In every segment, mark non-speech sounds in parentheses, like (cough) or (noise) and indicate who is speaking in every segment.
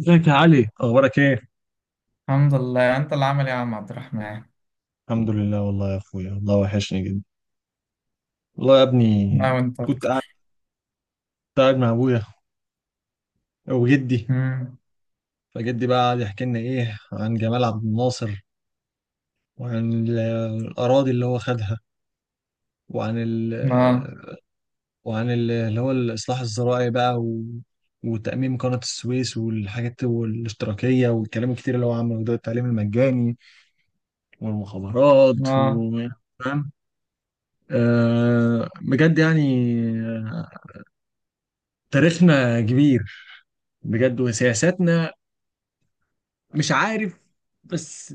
Speaker 1: ازيك يا علي؟ اخبارك ايه؟
Speaker 2: الحمد لله. انت اللي عامل ايه يا عم عبد الرحمن؟
Speaker 1: الحمد لله، والله يا اخويا، والله وحشني جدا. والله يا ابني.
Speaker 2: لا وانت
Speaker 1: كنت قاعد
Speaker 2: اكتر.
Speaker 1: كنت قاعد مع ابويا وجدي.
Speaker 2: امم.
Speaker 1: فجدي بقى قعد يحكي لنا ايه عن جمال عبد الناصر، وعن الاراضي اللي هو خدها، وعن ال
Speaker 2: اه.
Speaker 1: وعن اللي هو الاصلاح الزراعي بقى، وتأميم قناة السويس والحاجات والاشتراكية والكلام الكتير اللي هو عمله، ده التعليم المجاني والمخابرات
Speaker 2: اه.
Speaker 1: فاهم؟ آه بجد يعني، تاريخنا كبير بجد، وسياساتنا مش عارف، بس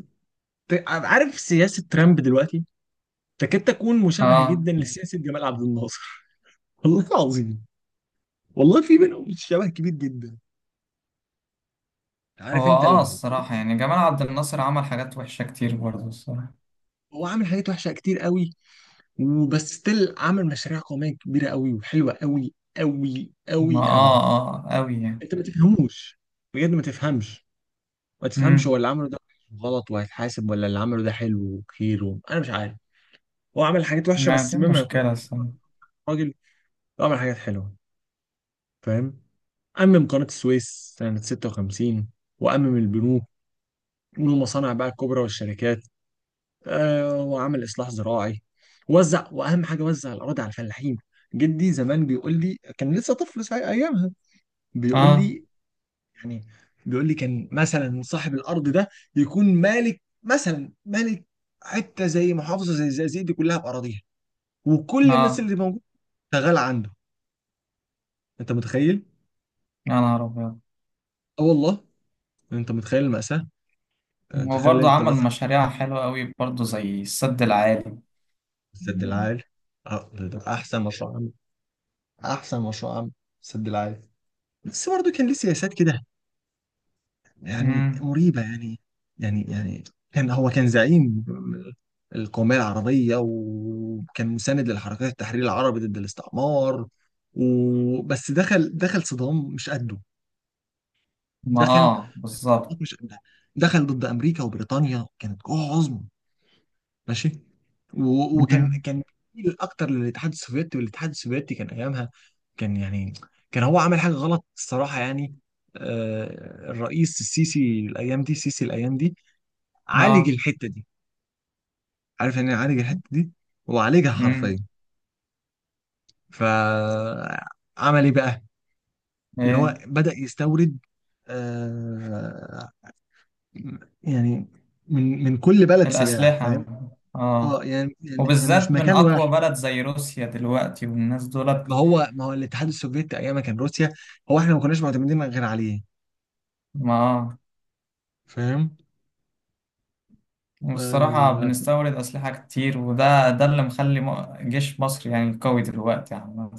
Speaker 1: عارف سياسة ترامب دلوقتي، تكاد تكون مشابهة
Speaker 2: اه.
Speaker 1: جدا لسياسة جمال عبد الناصر. (laughs) والله العظيم، والله في بينهم شبه كبير جدا. عارف
Speaker 2: هو
Speaker 1: انت اللي هو؟
Speaker 2: الصراحة يعني جمال عبد الناصر عمل حاجات وحشة كتير برضه الصراحة.
Speaker 1: هو عامل حاجات وحشة كتير قوي، وبس ستيل عامل مشاريع قومية كبيرة قوي، وحلوة قوي قوي
Speaker 2: ما
Speaker 1: قوي قوي.
Speaker 2: اه اه، قوي يعني.
Speaker 1: انت ما تفهموش، بجد ما تفهمش، ما تفهمش هو
Speaker 2: امم.
Speaker 1: اللي عمله ده غلط وهيتحاسب، ولا اللي عمله ده حلو وخير، انا مش عارف. هو عمل حاجات وحشه،
Speaker 2: ما
Speaker 1: بس
Speaker 2: دي
Speaker 1: مما يكون
Speaker 2: مشكلة الصراحة.
Speaker 1: راجل عمل حاجات حلوه. فاهم؟ أمم قناة السويس سنة 56، وأمم البنوك والمصانع بقى الكبرى والشركات. آه، وعمل إصلاح زراعي، وزع، وأهم حاجة وزع الأراضي على الفلاحين. جدي زمان بيقول لي كان لسه طفل ساعة أيامها. بيقول
Speaker 2: اه.
Speaker 1: لي يعني، بيقول لي كان مثلا صاحب الأرض ده يكون مالك، مثلا مالك حتة زي محافظة زي الزقازيق دي كلها بأراضيها، وكل الناس
Speaker 2: اه.
Speaker 1: اللي موجودة شغالة عنده. انت متخيل؟
Speaker 2: يا نهار ابيض.
Speaker 1: اه والله. انت متخيل المأساة؟ يعني تخيل
Speaker 2: وبرضه
Speaker 1: انت
Speaker 2: عمل
Speaker 1: مثلا.
Speaker 2: مشاريع حلوة قوي برضه زي السد العالي.
Speaker 1: سد العالي، اه، ده احسن مشروع عام، احسن مشروع عام، سد العالي. بس برضه كان ليه سياسات كده، يعني
Speaker 2: امم.
Speaker 1: مريبة يعني، يعني كان هو كان زعيم القومية العربية، وكان مساند للحركات التحرير العربي ضد الاستعمار. وبس دخل صدام مش قده،
Speaker 2: ما
Speaker 1: دخل
Speaker 2: اه
Speaker 1: في
Speaker 2: بالظبط.
Speaker 1: الصدمات مش قدها، دخل ضد أمريكا وبريطانيا كانت قوة عظمى. ماشي، وكان
Speaker 2: امم.
Speaker 1: كان بيميل اكتر للاتحاد السوفيتي، والاتحاد السوفيتي كان ايامها، كان يعني، كان هو عمل حاجه غلط الصراحه يعني. آه، الرئيس السيسي الايام دي عالج
Speaker 2: اه.
Speaker 1: الحته دي. عارف يعني إيه عالج الحته دي؟ هو عالجها حرفيا.
Speaker 2: امم.
Speaker 1: فعمل ايه بقى؟ اللي هو
Speaker 2: ايه؟
Speaker 1: بدأ يستورد، آه يعني، من كل بلد سلاح.
Speaker 2: الأسلحة.
Speaker 1: فاهم؟
Speaker 2: اه.
Speaker 1: اه، يعني مش
Speaker 2: وبالذات من
Speaker 1: مكان
Speaker 2: أقوى
Speaker 1: واحد.
Speaker 2: بلد زي روسيا دلوقتي والناس
Speaker 1: ما
Speaker 2: دولت.
Speaker 1: هو ما هو الاتحاد السوفيتي ايام ما كان روسيا، هو احنا ما كناش معتمدين غير عليه.
Speaker 2: ما آه.
Speaker 1: فاهم؟
Speaker 2: والصراحة
Speaker 1: آه
Speaker 2: بنستورد أسلحة كتير وده ده اللي مخلي جيش مصر يعني قوي دلوقتي عامة.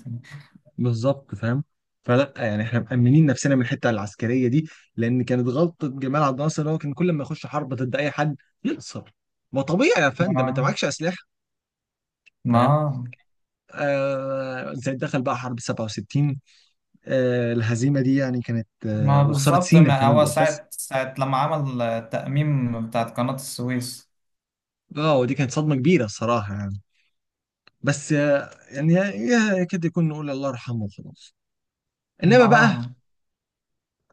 Speaker 1: بالظبط. فاهم؟ فلا، يعني احنا مأمنين نفسنا من الحته العسكريه دي، لان كانت غلطه جمال عبد الناصر اللي هو كان كل ما يخش حرب ضد اي حد يخسر. ما طبيعي يا فندم انت
Speaker 2: ما
Speaker 1: معكش اسلحه. فاهم؟
Speaker 2: ما
Speaker 1: آه، زي دخل بقى حرب 67، آه الهزيمه دي يعني كانت،
Speaker 2: ما
Speaker 1: وخساره
Speaker 2: بالظبط.
Speaker 1: سينا
Speaker 2: ما
Speaker 1: كمان
Speaker 2: هو
Speaker 1: بالاخص.
Speaker 2: ساعة لما عمل التأميم بتاعت قناة السويس.
Speaker 1: اه، ودي كانت صدمه كبيره الصراحه يعني. بس يعني يكاد يكون نقول الله يرحمه وخلاص. انما بقى،
Speaker 2: ما.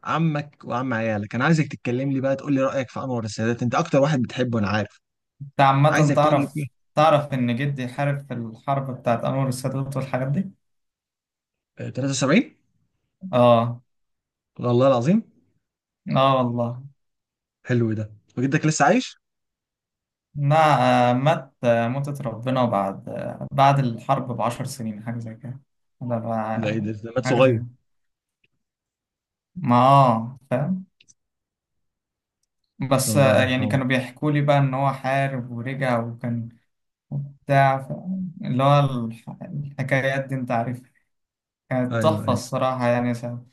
Speaker 1: عمك وعم عيالك، انا عايزك تتكلم لي بقى، تقول لي رايك في انور السادات، انت اكتر واحد بتحبه انا عارف.
Speaker 2: أنت عامة
Speaker 1: عايزك تقول لي
Speaker 2: تعرف
Speaker 1: فيه.
Speaker 2: تعرف إن جدي حارب في الحرب بتاعت أنور السادات والحاجات دي؟
Speaker 1: آه، 73.
Speaker 2: آه.
Speaker 1: والله العظيم.
Speaker 2: آه والله.
Speaker 1: حلو ده. وجدك لسه عايش؟
Speaker 2: مع آه، مات آه، ماتت ربنا بعد بعد الحرب بعشر سنين حاجة زي كده. ولا
Speaker 1: ده ايه؟
Speaker 2: بع-
Speaker 1: ده مات
Speaker 2: حاجة زي.
Speaker 1: صغير.
Speaker 2: ما فاهم. بس
Speaker 1: الله
Speaker 2: يعني
Speaker 1: يرحمه.
Speaker 2: كانوا بيحكوا لي بقى ان هو حارب ورجع وكان. بتاع ف- اللي هو الحكايات دي انت عارفها. كانت
Speaker 1: ايوه،
Speaker 2: تحفة
Speaker 1: ايوه.
Speaker 2: الصراحة يعني ساعة.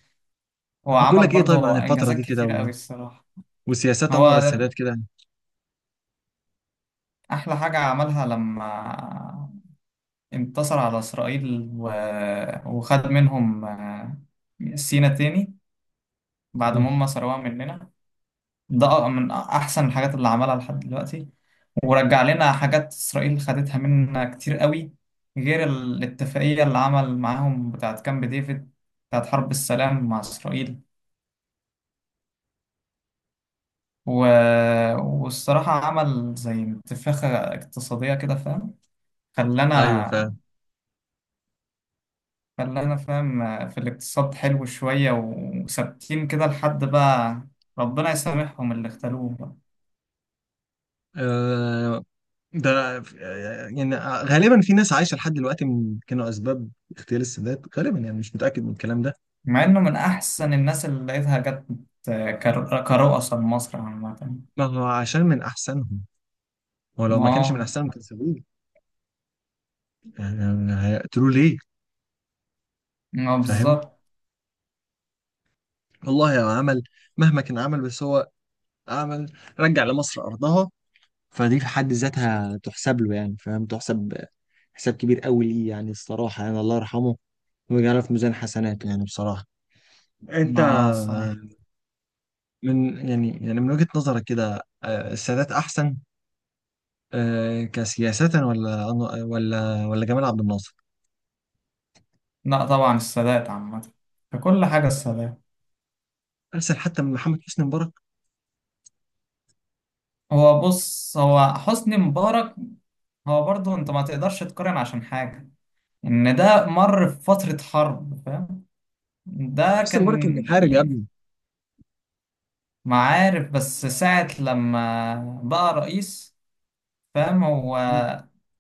Speaker 2: هو
Speaker 1: هقول
Speaker 2: عمل
Speaker 1: لك ايه طيب عن
Speaker 2: برضه
Speaker 1: الفتره
Speaker 2: انجازات
Speaker 1: دي كده،
Speaker 2: كتيرة قوي الصراحة.
Speaker 1: وسياسات انور
Speaker 2: هو
Speaker 1: السادات كده.
Speaker 2: احلى حاجة عملها لما انتصر على اسرائيل و... وخد منهم سينا تاني بعد ما
Speaker 1: امم.
Speaker 2: هم سرقوها مننا. ده من احسن الحاجات اللي عملها لحد دلوقتي. ورجع لنا حاجات اسرائيل خدتها منا كتير قوي غير الاتفاقية اللي عمل معاهم بتاعت كامب ديفيد بتاعت حرب السلام مع اسرائيل. و... والصراحة عمل زي انتفاخة اقتصادية كده فاهم.
Speaker 1: ايوه فعلا.
Speaker 2: خلانا. فاهم في الاقتصاد حلو شوية وثابتين كده لحد بقى. ربنا يسامحهم اللي اختلوه.
Speaker 1: آه، ده يعني، غالبا في ناس عايشه لحد دلوقتي من كانوا اسباب اغتيال السادات، غالبا يعني، مش متاكد من الكلام ده.
Speaker 2: مع انه من احسن الناس اللي لقيتها جت كرؤساء لمصر عامة.
Speaker 1: ما هو عشان من احسنهم، هو لو ما
Speaker 2: ما.
Speaker 1: كانش من احسنهم كان سابوه. يعني هيقتلوه ليه؟
Speaker 2: ما
Speaker 1: فاهم؟
Speaker 2: بالظبط.
Speaker 1: والله هو عمل مهما كان عمل، بس هو عمل، رجع لمصر ارضها. فدي في حد ذاتها تحسب له يعني، فاهم، تحسب حساب كبير قوي ليه يعني الصراحه يعني، الله يرحمه ويجعله في ميزان حسناته يعني بصراحه. انت
Speaker 2: ما الصراحة.
Speaker 1: من يعني من وجهه نظرك كده، آه، السادات احسن، آه، كسياسه؟ ولا جمال عبد الناصر؟
Speaker 2: لا طبعا السادات عامة. ككل حاجة السادات.
Speaker 1: احسن حتى من محمد حسني مبارك؟
Speaker 2: هو بص، هو حسني مبارك، هو برضه انت ما تقدرش تقارن عشان حاجة ان ده مر في فترة حرب فاهم.
Speaker 1: ما
Speaker 2: ده
Speaker 1: حسني مبارك كان
Speaker 2: كان
Speaker 1: بيحارب يا
Speaker 2: يعني
Speaker 1: ابني.
Speaker 2: معارف بس ساعة لما بقى رئيس فاهم. هو
Speaker 1: مم.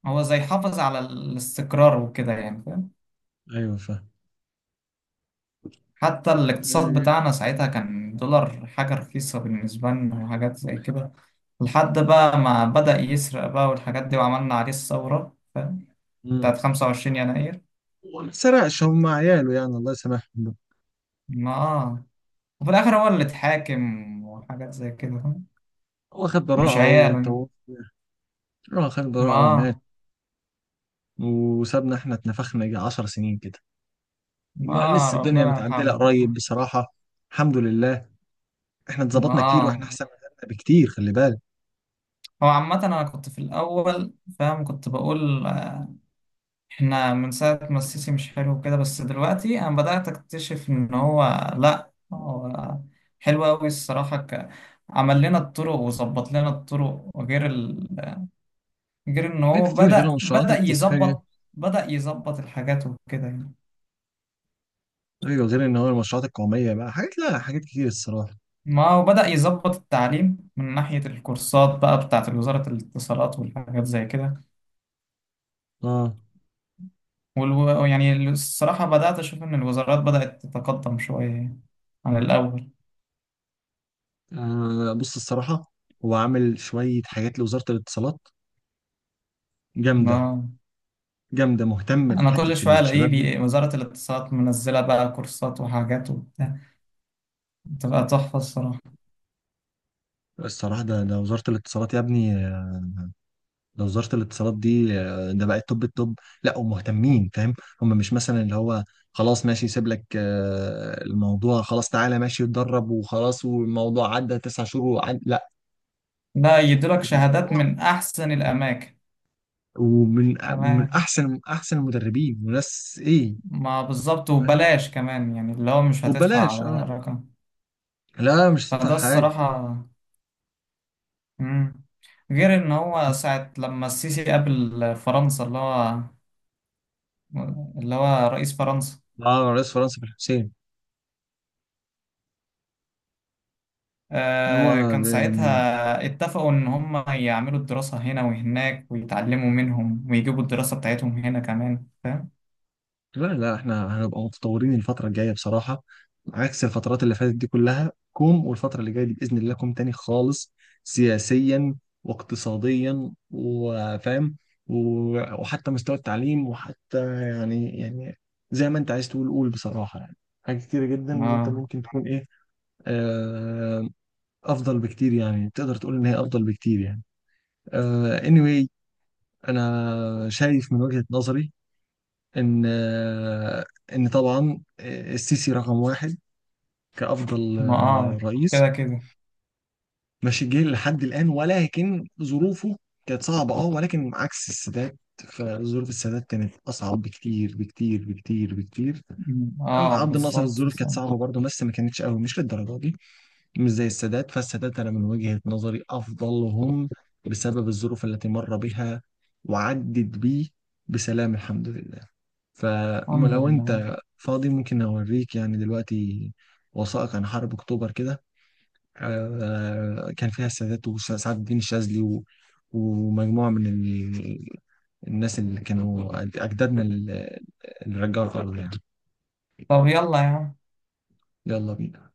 Speaker 2: هو زي حافظ على الاستقرار وكده يعني.
Speaker 1: ايوه، فاهم.
Speaker 2: حتى الاقتصاد
Speaker 1: آه،
Speaker 2: بتاعنا ساعتها كان دولار حاجة رخيصة بالنسبة لنا وحاجات زي كده لحد بقى ما بدأ يسرق بقى والحاجات دي وعملنا عليه الثورة فاهم.
Speaker 1: مم.
Speaker 2: بتاعت 25 يناير.
Speaker 1: هو ما سرقش، هم عياله يعني، الله يسامحهم.
Speaker 2: ما آه. وفي الآخر هو اللي اتحاكم وحاجات زي كده فاهم.
Speaker 1: هو خد
Speaker 2: مش
Speaker 1: براءة
Speaker 2: عياله يعني.
Speaker 1: وتوفى. اه، خد
Speaker 2: ما
Speaker 1: براءة ومات،
Speaker 2: آه.
Speaker 1: وسابنا احنا اتنفخنا يجي 10 سنين كده.
Speaker 2: ما
Speaker 1: ما
Speaker 2: آه
Speaker 1: لسه الدنيا
Speaker 2: ربنا
Speaker 1: متعدلة
Speaker 2: يرحمه
Speaker 1: قريب
Speaker 2: بقى.
Speaker 1: بصراحة. الحمد لله. احنا
Speaker 2: ما
Speaker 1: اتظبطنا كتير، واحنا
Speaker 2: آه.
Speaker 1: احسن من غيرنا بكتير، خلي بالك.
Speaker 2: هو عامة أنا كنت في الأول فاهم. كنت بقول احنا من ساعة ما السيسي مش حلو كده، بس دلوقتي انا بدأت اكتشف ان هو لا، هو حلو قوي الصراحة. عمل لنا الطرق وظبط لنا الطرق وغير ال... غير ان
Speaker 1: حاجات
Speaker 2: هو
Speaker 1: كتير غير
Speaker 2: بدأ
Speaker 1: المشروعات
Speaker 2: بدأ
Speaker 1: التذكارية.
Speaker 2: يظبط بدأ يظبط الحاجات وكده يعني.
Speaker 1: ايوه، غير ان هو المشروعات القومية بقى حاجات، لا حاجات كتير الصراحة.
Speaker 2: ما هو بدأ يظبط التعليم من ناحية الكورسات بقى بتاعة وزارة الاتصالات والحاجات زي كده.
Speaker 1: اه.
Speaker 2: يعني الصراحة بدأت أشوف إن الوزارات بدأت تتقدم شوية يعني عن الأول.
Speaker 1: آه، بص الصراحة، هو عامل شوية حاجات لوزارة الاتصالات جامدة،
Speaker 2: آه.
Speaker 1: جامدة، مهتم
Speaker 2: انا كل
Speaker 1: بحتة
Speaker 2: شويه الاقيه
Speaker 1: الشباب دي.
Speaker 2: وزاره الاتصالات منزله بقى كورسات وحاجات وبتاع. بتبقى تحفه الصراحه.
Speaker 1: الصراحة، ده وزارة الاتصالات يا ابني، ده وزارة الاتصالات دي، ده بقت توب التوب، لا ومهتمين، فاهم؟ هم مش مثلا اللي هو، خلاص ماشي سيب لك، آه، الموضوع خلاص، تعالى ماشي اتدرب وخلاص، والموضوع عدى تسع شهور وعد لا،
Speaker 2: ده يديلك شهادات
Speaker 1: الموضوع
Speaker 2: من احسن الاماكن
Speaker 1: ومن
Speaker 2: كمان.
Speaker 1: احسن احسن المدربين وناس ايه.
Speaker 2: ما بالظبط
Speaker 1: فاهم؟
Speaker 2: وبلاش كمان يعني اللي هو مش هتدفع.
Speaker 1: وببلاش، اه.
Speaker 2: رقم.
Speaker 1: لا مش هتدفع
Speaker 2: فده
Speaker 1: حاجة.
Speaker 2: الصراحه. مم. غير ان هو ساعه لما السيسي قابل فرنسا اللي هو رئيس فرنسا.
Speaker 1: اه، رئيس فرنسا في الحسين. هو
Speaker 2: كان
Speaker 1: يعني،
Speaker 2: ساعتها اتفقوا إن هم يعملوا الدراسة هنا وهناك ويتعلموا منهم ويجيبوا الدراسة بتاعتهم هنا كمان فاهم؟
Speaker 1: لا، لا، احنا هنبقى متطورين الفترة الجاية بصراحة. عكس الفترات اللي فاتت دي كلها كوم، والفترة اللي جاية دي بإذن الله كوم تاني خالص. سياسيا واقتصاديا، وفاهم، وحتى مستوى التعليم، وحتى يعني، زي ما انت عايز تقول قول بصراحة يعني. حاجات كتيرة جدا انت
Speaker 2: ما.
Speaker 1: ممكن تكون ايه، آه، افضل بكتير يعني، تقدر تقول ان هي افضل بكتير يعني. آه، anyway، انا شايف من وجهة نظري ان ان طبعا، آه، السيسي رقم واحد، كافضل،
Speaker 2: ما
Speaker 1: آه،
Speaker 2: آه.
Speaker 1: رئيس
Speaker 2: كده كده.
Speaker 1: ماشي جه لحد الان. ولكن ظروفه كانت صعبه، اه، ولكن عكس السادات، فظروف السادات كانت اصعب بكتير بكتير بكتير بكتير.
Speaker 2: م،
Speaker 1: أم
Speaker 2: آه
Speaker 1: عبد الناصر
Speaker 2: بالظبط
Speaker 1: الظروف كانت
Speaker 2: صح.
Speaker 1: صعبه برضه بس ما كانتش قوي، مش للدرجه دي، مش زي السادات. فالسادات أنا من وجهة نظري أفضلهم، بسبب الظروف التي مر بها، وعدت بيه بسلام، الحمد لله.
Speaker 2: الحمد
Speaker 1: فلو
Speaker 2: لله.
Speaker 1: أنت فاضي ممكن أوريك يعني دلوقتي وثائق عن حرب أكتوبر كده، آه، كان فيها السادات وسعد الدين الشاذلي ومجموعة من الناس اللي كانوا أجدادنا، اللي رجعوا الأرض يعني.
Speaker 2: طب يلا يا عم.
Speaker 1: يلا بينا.